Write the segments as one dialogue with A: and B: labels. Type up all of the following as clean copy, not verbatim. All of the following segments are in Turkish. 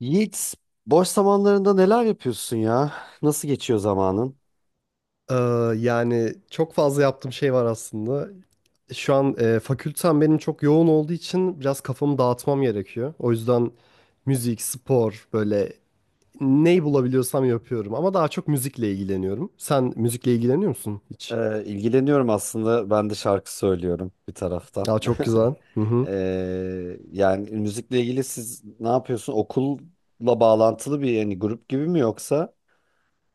A: Yiğit, boş zamanlarında neler yapıyorsun ya? Nasıl geçiyor zamanın?
B: Ee, yani çok fazla yaptığım şey var aslında. Şu an fakültem benim çok yoğun olduğu için biraz kafamı dağıtmam gerekiyor. O yüzden müzik, spor böyle neyi bulabiliyorsam yapıyorum. Ama daha çok müzikle ilgileniyorum. Sen müzikle ilgileniyor musun hiç?
A: İlgileniyorum aslında. Ben de şarkı söylüyorum bir taraftan.
B: Aa, çok güzel. Hı hı.
A: Yani müzikle ilgili siz ne yapıyorsun? Okulla bağlantılı bir yani grup gibi mi yoksa?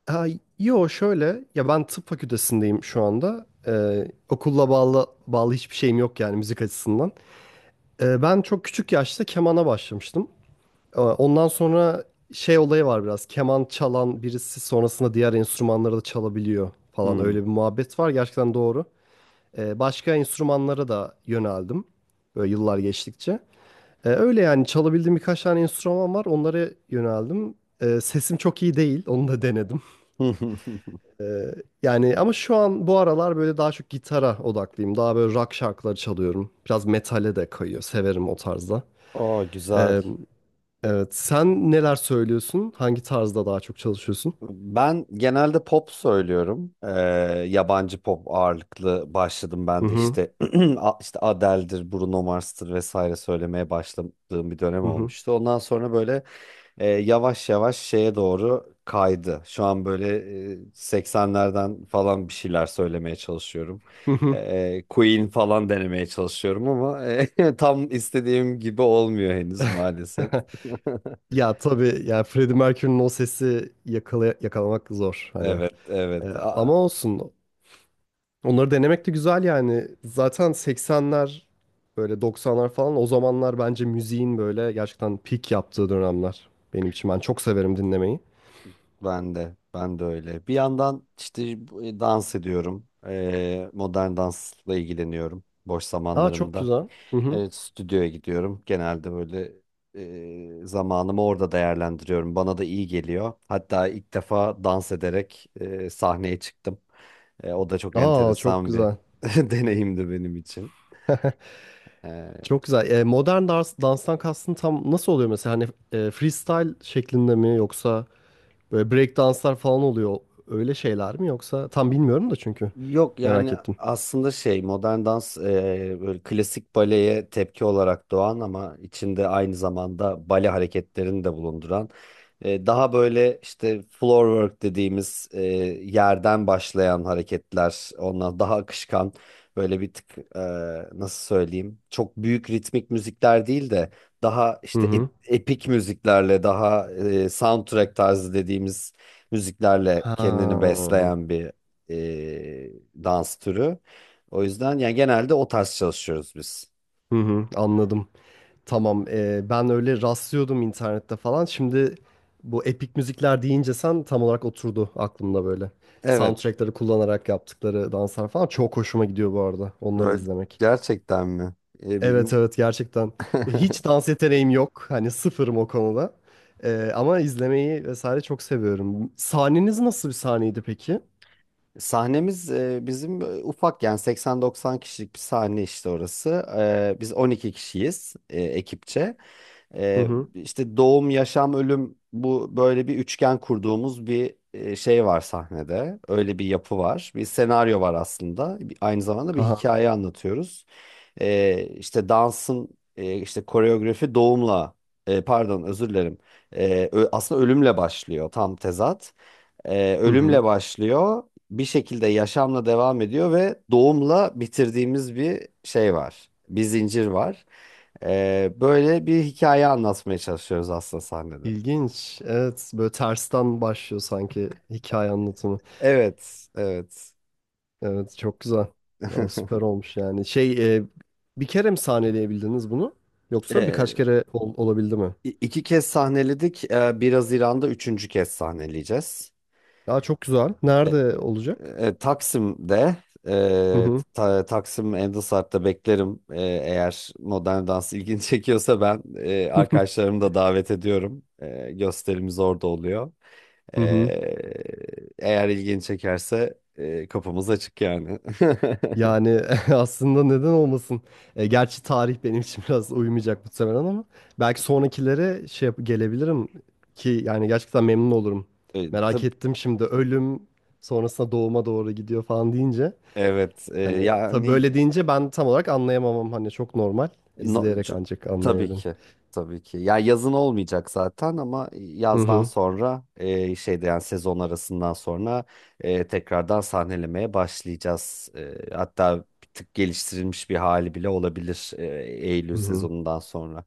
B: Ha, yo şöyle ya ben tıp fakültesindeyim şu anda. Okulla bağlı hiçbir şeyim yok yani müzik açısından. Ben çok küçük yaşta kemana başlamıştım. Ondan sonra şey olayı var biraz. Keman çalan birisi sonrasında diğer enstrümanları da çalabiliyor falan.
A: Hmm.
B: Öyle bir muhabbet var. Gerçekten doğru. Başka enstrümanlara da yöneldim. Böyle yıllar geçtikçe. Öyle yani çalabildiğim birkaç tane enstrüman var. Onlara yöneldim. Sesim çok iyi değil. Onu da denedim. Ee, Yani ama şu an bu aralar böyle daha çok gitara odaklıyım. Daha böyle rock şarkıları çalıyorum. Biraz metale de kayıyor. Severim o tarzda.
A: Aa, güzel.
B: Ee, Evet. Sen neler söylüyorsun? Hangi tarzda daha çok çalışıyorsun?
A: Ben genelde pop söylüyorum. Yabancı pop ağırlıklı başladım
B: Hı
A: ben de
B: hı.
A: işte. İşte Adele'dir, Bruno Mars'tır vesaire söylemeye başladığım bir dönem
B: Hı hı.
A: olmuştu. Ondan sonra böyle yavaş yavaş şeye doğru kaydı. Şu an böyle 80'lerden falan bir şeyler söylemeye çalışıyorum.
B: Hı
A: E,
B: hı.
A: Queen falan denemeye çalışıyorum ama tam istediğim gibi olmuyor henüz maalesef.
B: Ya tabii yani Freddie Mercury'nin o sesi yakalamak zor hani.
A: Evet, evet.
B: Ama olsun. Onları denemek de güzel yani. Zaten 80'ler böyle 90'lar falan o zamanlar bence müziğin böyle gerçekten peak yaptığı dönemler benim için. Ben çok severim dinlemeyi.
A: Ben de öyle. Bir yandan işte dans ediyorum. Modern dansla ilgileniyorum boş
B: Aa çok
A: zamanlarımda.
B: güzel. Hı hı.
A: Evet, stüdyoya gidiyorum. Genelde böyle zamanımı orada değerlendiriyorum. Bana da iyi geliyor. Hatta ilk defa dans ederek sahneye çıktım. O da çok
B: Aa çok
A: enteresan bir
B: güzel.
A: deneyimdi benim için. E,
B: Çok güzel. Modern dans, danstan kastın tam nasıl oluyor mesela? Hani freestyle şeklinde mi yoksa böyle break danslar falan oluyor. Öyle şeyler mi yoksa tam bilmiyorum da çünkü
A: Yok,
B: merak
A: yani
B: ettim.
A: aslında şey modern dans, böyle klasik baleye tepki olarak doğan ama içinde aynı zamanda bale hareketlerini de bulunduran, daha böyle işte floor work dediğimiz, yerden başlayan hareketler, ondan daha akışkan, böyle bir tık, nasıl söyleyeyim, çok büyük ritmik müzikler değil de daha
B: Hı
A: işte
B: hı.
A: epik müziklerle, daha soundtrack tarzı dediğimiz müziklerle
B: Ha.
A: kendini besleyen bir e, dans türü. O yüzden yani genelde o tarz çalışıyoruz biz.
B: Hı hı, anladım. Tamam. Ben öyle rastlıyordum internette falan. Şimdi bu epik müzikler deyince sen tam olarak oturdu aklımda böyle.
A: Evet,
B: Soundtrack'ları kullanarak yaptıkları danslar falan çok hoşuma gidiyor bu arada. Onları
A: böyle.
B: izlemek.
A: Gerçekten mi? E, bir-
B: Evet evet gerçekten. Hiç dans yeteneğim yok. Hani sıfırım o konuda. Ama izlemeyi vesaire çok seviyorum. Sahneniz nasıl bir sahneydi peki?
A: Sahnemiz bizim, ufak, yani 80-90 kişilik bir sahne işte orası. Biz 12 kişiyiz ekipçe.
B: Hı hı.
A: İşte doğum, yaşam, ölüm, bu böyle bir üçgen kurduğumuz bir şey var sahnede. Öyle bir yapı var. Bir senaryo var aslında. Aynı zamanda bir
B: Aha.
A: hikaye anlatıyoruz. İşte dansın, işte koreografi doğumla, pardon, özür dilerim. Aslında ölümle başlıyor, tam tezat.
B: Hı hı.
A: Ölümle başlıyor. Bir şekilde yaşamla devam ediyor ve doğumla bitirdiğimiz bir şey var. Bir zincir var. Böyle bir hikaye anlatmaya çalışıyoruz aslında sahnede.
B: İlginç. Evet böyle tersten başlıyor sanki hikaye anlatımı.
A: Evet, evet.
B: Evet çok güzel. Vallahi süper olmuş yani. Bir kere mi sahneleyebildiniz bunu? Yoksa birkaç
A: E,
B: kere olabildi mi?
A: iki kez sahneledik. 1 Haziran'da üçüncü kez sahneleyeceğiz.
B: Aa çok güzel. Nerede olacak?
A: Taksim'de,
B: Hı hı.
A: Taksim Endosart'ta beklerim. Eğer modern dans ilgini çekiyorsa, ben arkadaşlarımı da davet ediyorum. Gösterimiz orada oluyor. E, Eğer ilgini çekerse, kapımız açık yani.
B: Yani aslında neden olmasın? Gerçi tarih benim için biraz uymayacak muhtemelen ama belki sonrakilere gelebilirim ki yani gerçekten memnun olurum.
A: E,
B: Merak
A: tab-
B: ettim şimdi ölüm sonrasında doğuma doğru gidiyor falan deyince.
A: evet e,
B: Hani tabii
A: yani
B: böyle deyince ben tam olarak anlayamamam hani çok normal.
A: E, No-
B: İzleyerek
A: c-
B: ancak
A: tabii
B: anlayabilirim.
A: ki. Tabii ki. Ya, yazın olmayacak zaten ama
B: Hı
A: yazdan
B: hı.
A: sonra, şeyde yani sezon arasından sonra, tekrardan sahnelemeye başlayacağız. Hatta bir tık geliştirilmiş bir hali bile olabilir Eylül
B: Hı hı.
A: sezonundan sonra.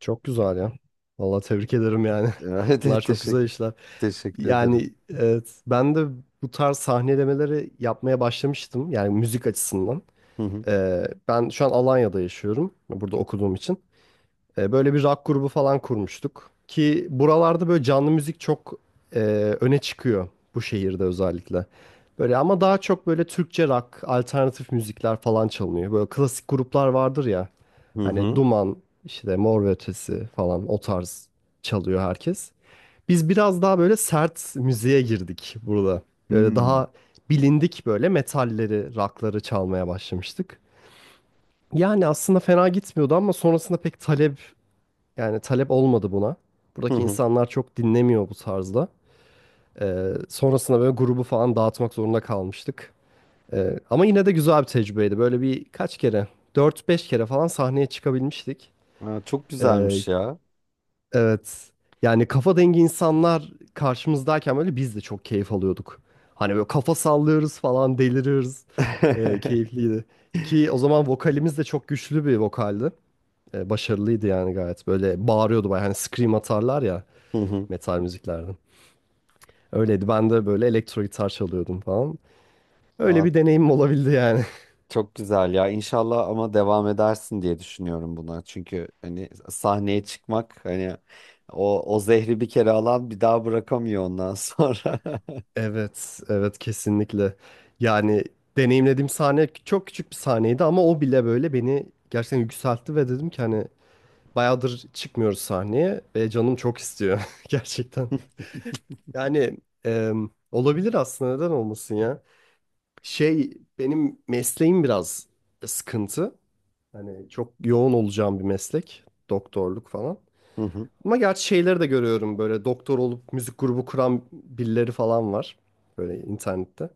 B: Çok güzel ya. Vallahi tebrik ederim yani. Bunlar
A: Evet,
B: çok
A: teşekkür
B: güzel işler.
A: teşekkür ederim.
B: Yani evet, ben de bu tarz sahnelemeleri yapmaya başlamıştım. Yani müzik açısından.
A: Hı hı.
B: Ben şu an Alanya'da yaşıyorum. Burada okuduğum için. Böyle bir rock grubu falan kurmuştuk. Ki buralarda böyle canlı müzik çok e, öne çıkıyor. Bu şehirde özellikle. Böyle ama daha çok böyle Türkçe rock, alternatif müzikler falan çalınıyor. Böyle klasik gruplar vardır ya.
A: Hı
B: Hani
A: hı.
B: Duman, işte Mor ve Ötesi falan o tarz çalıyor herkes. Biz biraz daha böyle sert müziğe girdik burada. Böyle
A: Hmm.
B: daha bilindik böyle metalleri, rockları çalmaya başlamıştık. Yani aslında fena gitmiyordu ama sonrasında pek talep yani talep olmadı buna.
A: Hı
B: Buradaki
A: hı.
B: insanlar çok dinlemiyor bu tarzda. Sonrasında böyle grubu falan dağıtmak zorunda kalmıştık. Ama yine de güzel bir tecrübeydi. Böyle bir kaç kere, dört beş kere falan sahneye çıkabilmiştik.
A: Ha, çok
B: Ee,
A: güzelmiş ya.
B: Evet. Yani kafa dengi insanlar karşımızdayken böyle biz de çok keyif alıyorduk. Hani böyle kafa sallıyoruz falan deliriyoruz. Keyifliydi. Ki o zaman vokalimiz de çok güçlü bir vokaldi. Başarılıydı yani gayet. Böyle bağırıyordu bayağı. Hani scream atarlar ya
A: Hı hı.
B: metal müziklerde. Öyleydi. Ben de böyle elektro gitar çalıyordum falan. Öyle
A: Aa,
B: bir deneyimim olabildi yani.
A: çok güzel ya. İnşallah ama devam edersin diye düşünüyorum buna. Çünkü hani sahneye çıkmak, hani o zehri bir kere alan bir daha bırakamıyor ondan sonra.
B: Evet, evet kesinlikle. Yani deneyimlediğim sahne çok küçük bir sahneydi ama o bile böyle beni gerçekten yükseltti ve dedim ki hani bayağıdır çıkmıyoruz sahneye ve canım çok istiyor gerçekten. Yani e, olabilir aslında neden olmasın ya. Şey benim mesleğim biraz sıkıntı. Hani çok yoğun olacağım bir meslek. Doktorluk falan.
A: Hı hı.
B: Ama gerçi şeyleri de görüyorum böyle doktor olup müzik grubu kuran birileri falan var. Böyle internette.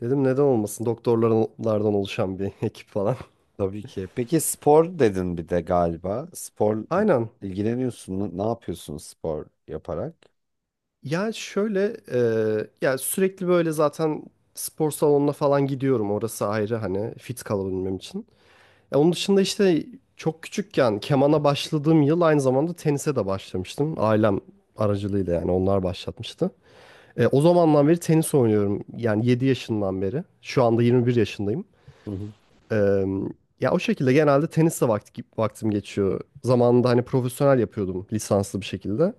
B: Dedim neden olmasın doktorlardan oluşan bir ekip falan.
A: Tabii ki. Peki, spor dedin bir de galiba. Spor
B: Aynen.
A: ilgileniyorsun mu? Ne yapıyorsun spor yaparak?
B: Ya şöyle ya sürekli böyle zaten spor salonuna falan gidiyorum. Orası ayrı hani fit kalabilmem için. Ya onun dışında işte çok küçükken kemana başladığım yıl aynı zamanda tenise de başlamıştım. Ailem aracılığıyla yani onlar başlatmıştı. E, o zamandan beri tenis oynuyorum. Yani 7 yaşından beri. Şu anda 21 yaşındayım.
A: Hı hı.
B: E, ya o şekilde genelde tenisle vaktim geçiyor. Zamanında hani profesyonel yapıyordum lisanslı bir şekilde.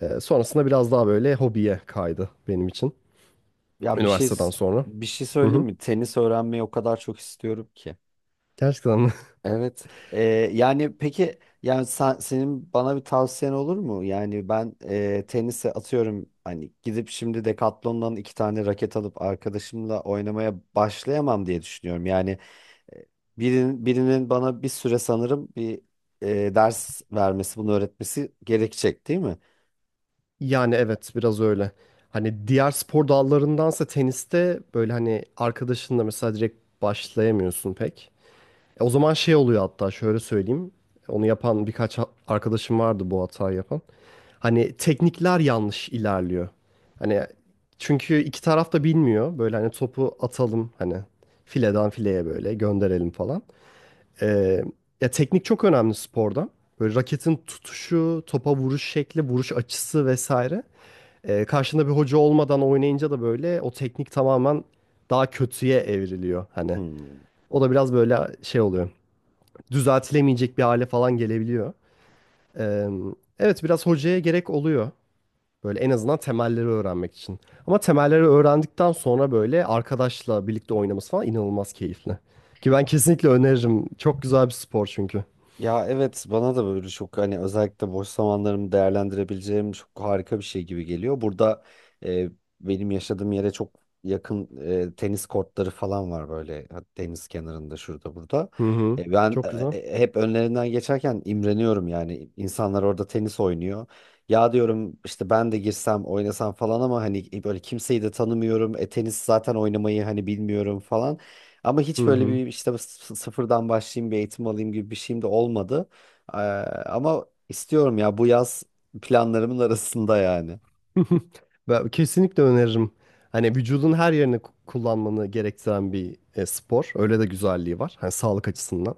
B: E, sonrasında biraz daha böyle hobiye kaydı benim için.
A: Ya, bir şey
B: Üniversiteden sonra.
A: bir şey
B: Hı
A: söyleyeyim
B: hı.
A: mi? Tenis öğrenmeyi o kadar çok istiyorum ki.
B: Gerçekten mi?
A: Evet. Yani peki yani, senin bana bir tavsiyen olur mu? Yani ben tenise, atıyorum hani, gidip şimdi Decathlon'dan iki tane raket alıp arkadaşımla oynamaya başlayamam diye düşünüyorum. Yani e, birinin bana bir süre, sanırım bir ders vermesi, bunu öğretmesi gerekecek, değil mi?
B: Yani evet biraz öyle. Hani diğer spor dallarındansa teniste böyle hani arkadaşınla mesela direkt başlayamıyorsun pek. E, o zaman şey oluyor hatta şöyle söyleyeyim. Onu yapan birkaç arkadaşım vardı bu hatayı yapan. Hani teknikler yanlış ilerliyor. Hani çünkü iki taraf da bilmiyor. Böyle hani topu atalım hani fileden fileye böyle gönderelim falan. Ee, ya teknik çok önemli sporda. Böyle raketin tutuşu, topa vuruş şekli, vuruş açısı vesaire. Karşında bir hoca olmadan oynayınca da böyle o teknik tamamen daha kötüye evriliyor hani.
A: Hmm.
B: O da biraz böyle şey oluyor. Düzeltilemeyecek bir hale falan gelebiliyor. Ee, evet biraz hocaya gerek oluyor. Böyle en azından temelleri öğrenmek için. Ama temelleri öğrendikten sonra böyle arkadaşla birlikte oynaması falan inanılmaz keyifli. Ki ben kesinlikle öneririm. Çok güzel bir spor çünkü.
A: Ya evet, bana da böyle çok, hani özellikle boş zamanlarımı değerlendirebileceğim çok harika bir şey gibi geliyor. Burada e, benim yaşadığım yere çok yakın tenis kortları falan var böyle, deniz kenarında şurada burada.
B: Hı hı.
A: Ben
B: Çok güzel.
A: hep önlerinden geçerken imreniyorum, yani insanlar orada tenis oynuyor. Ya diyorum işte ben de girsem oynasam falan, ama hani böyle kimseyi de tanımıyorum. Tenis zaten oynamayı hani bilmiyorum falan. Ama
B: Hı
A: hiç böyle
B: hı.
A: bir işte sıfırdan başlayayım, bir eğitim alayım gibi bir şeyim de olmadı. Ee, Ama istiyorum ya, bu yaz planlarımın arasında yani.
B: Ben kesinlikle öneririm. Hani vücudun her yerini kullanmanı gerektiren bir spor. Öyle de güzelliği var. Hani sağlık açısından.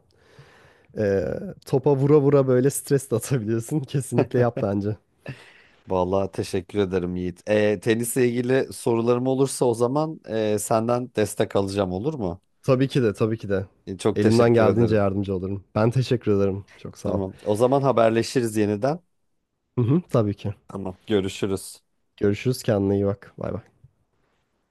B: Ee, topa vura vura böyle stres de atabilirsin. Kesinlikle yap bence.
A: Vallahi teşekkür ederim Yiğit. Tenisle ilgili sorularım olursa, o zaman senden destek alacağım, olur mu?
B: Tabii ki de, tabii ki de.
A: Çok
B: Elimden
A: teşekkür
B: geldiğince
A: ederim.
B: yardımcı olurum. Ben teşekkür ederim. Çok sağ ol.
A: Tamam. O zaman haberleşiriz yeniden.
B: Hı hı, tabii ki.
A: Tamam. Görüşürüz.
B: Görüşürüz. Kendine iyi bak. Bay bay.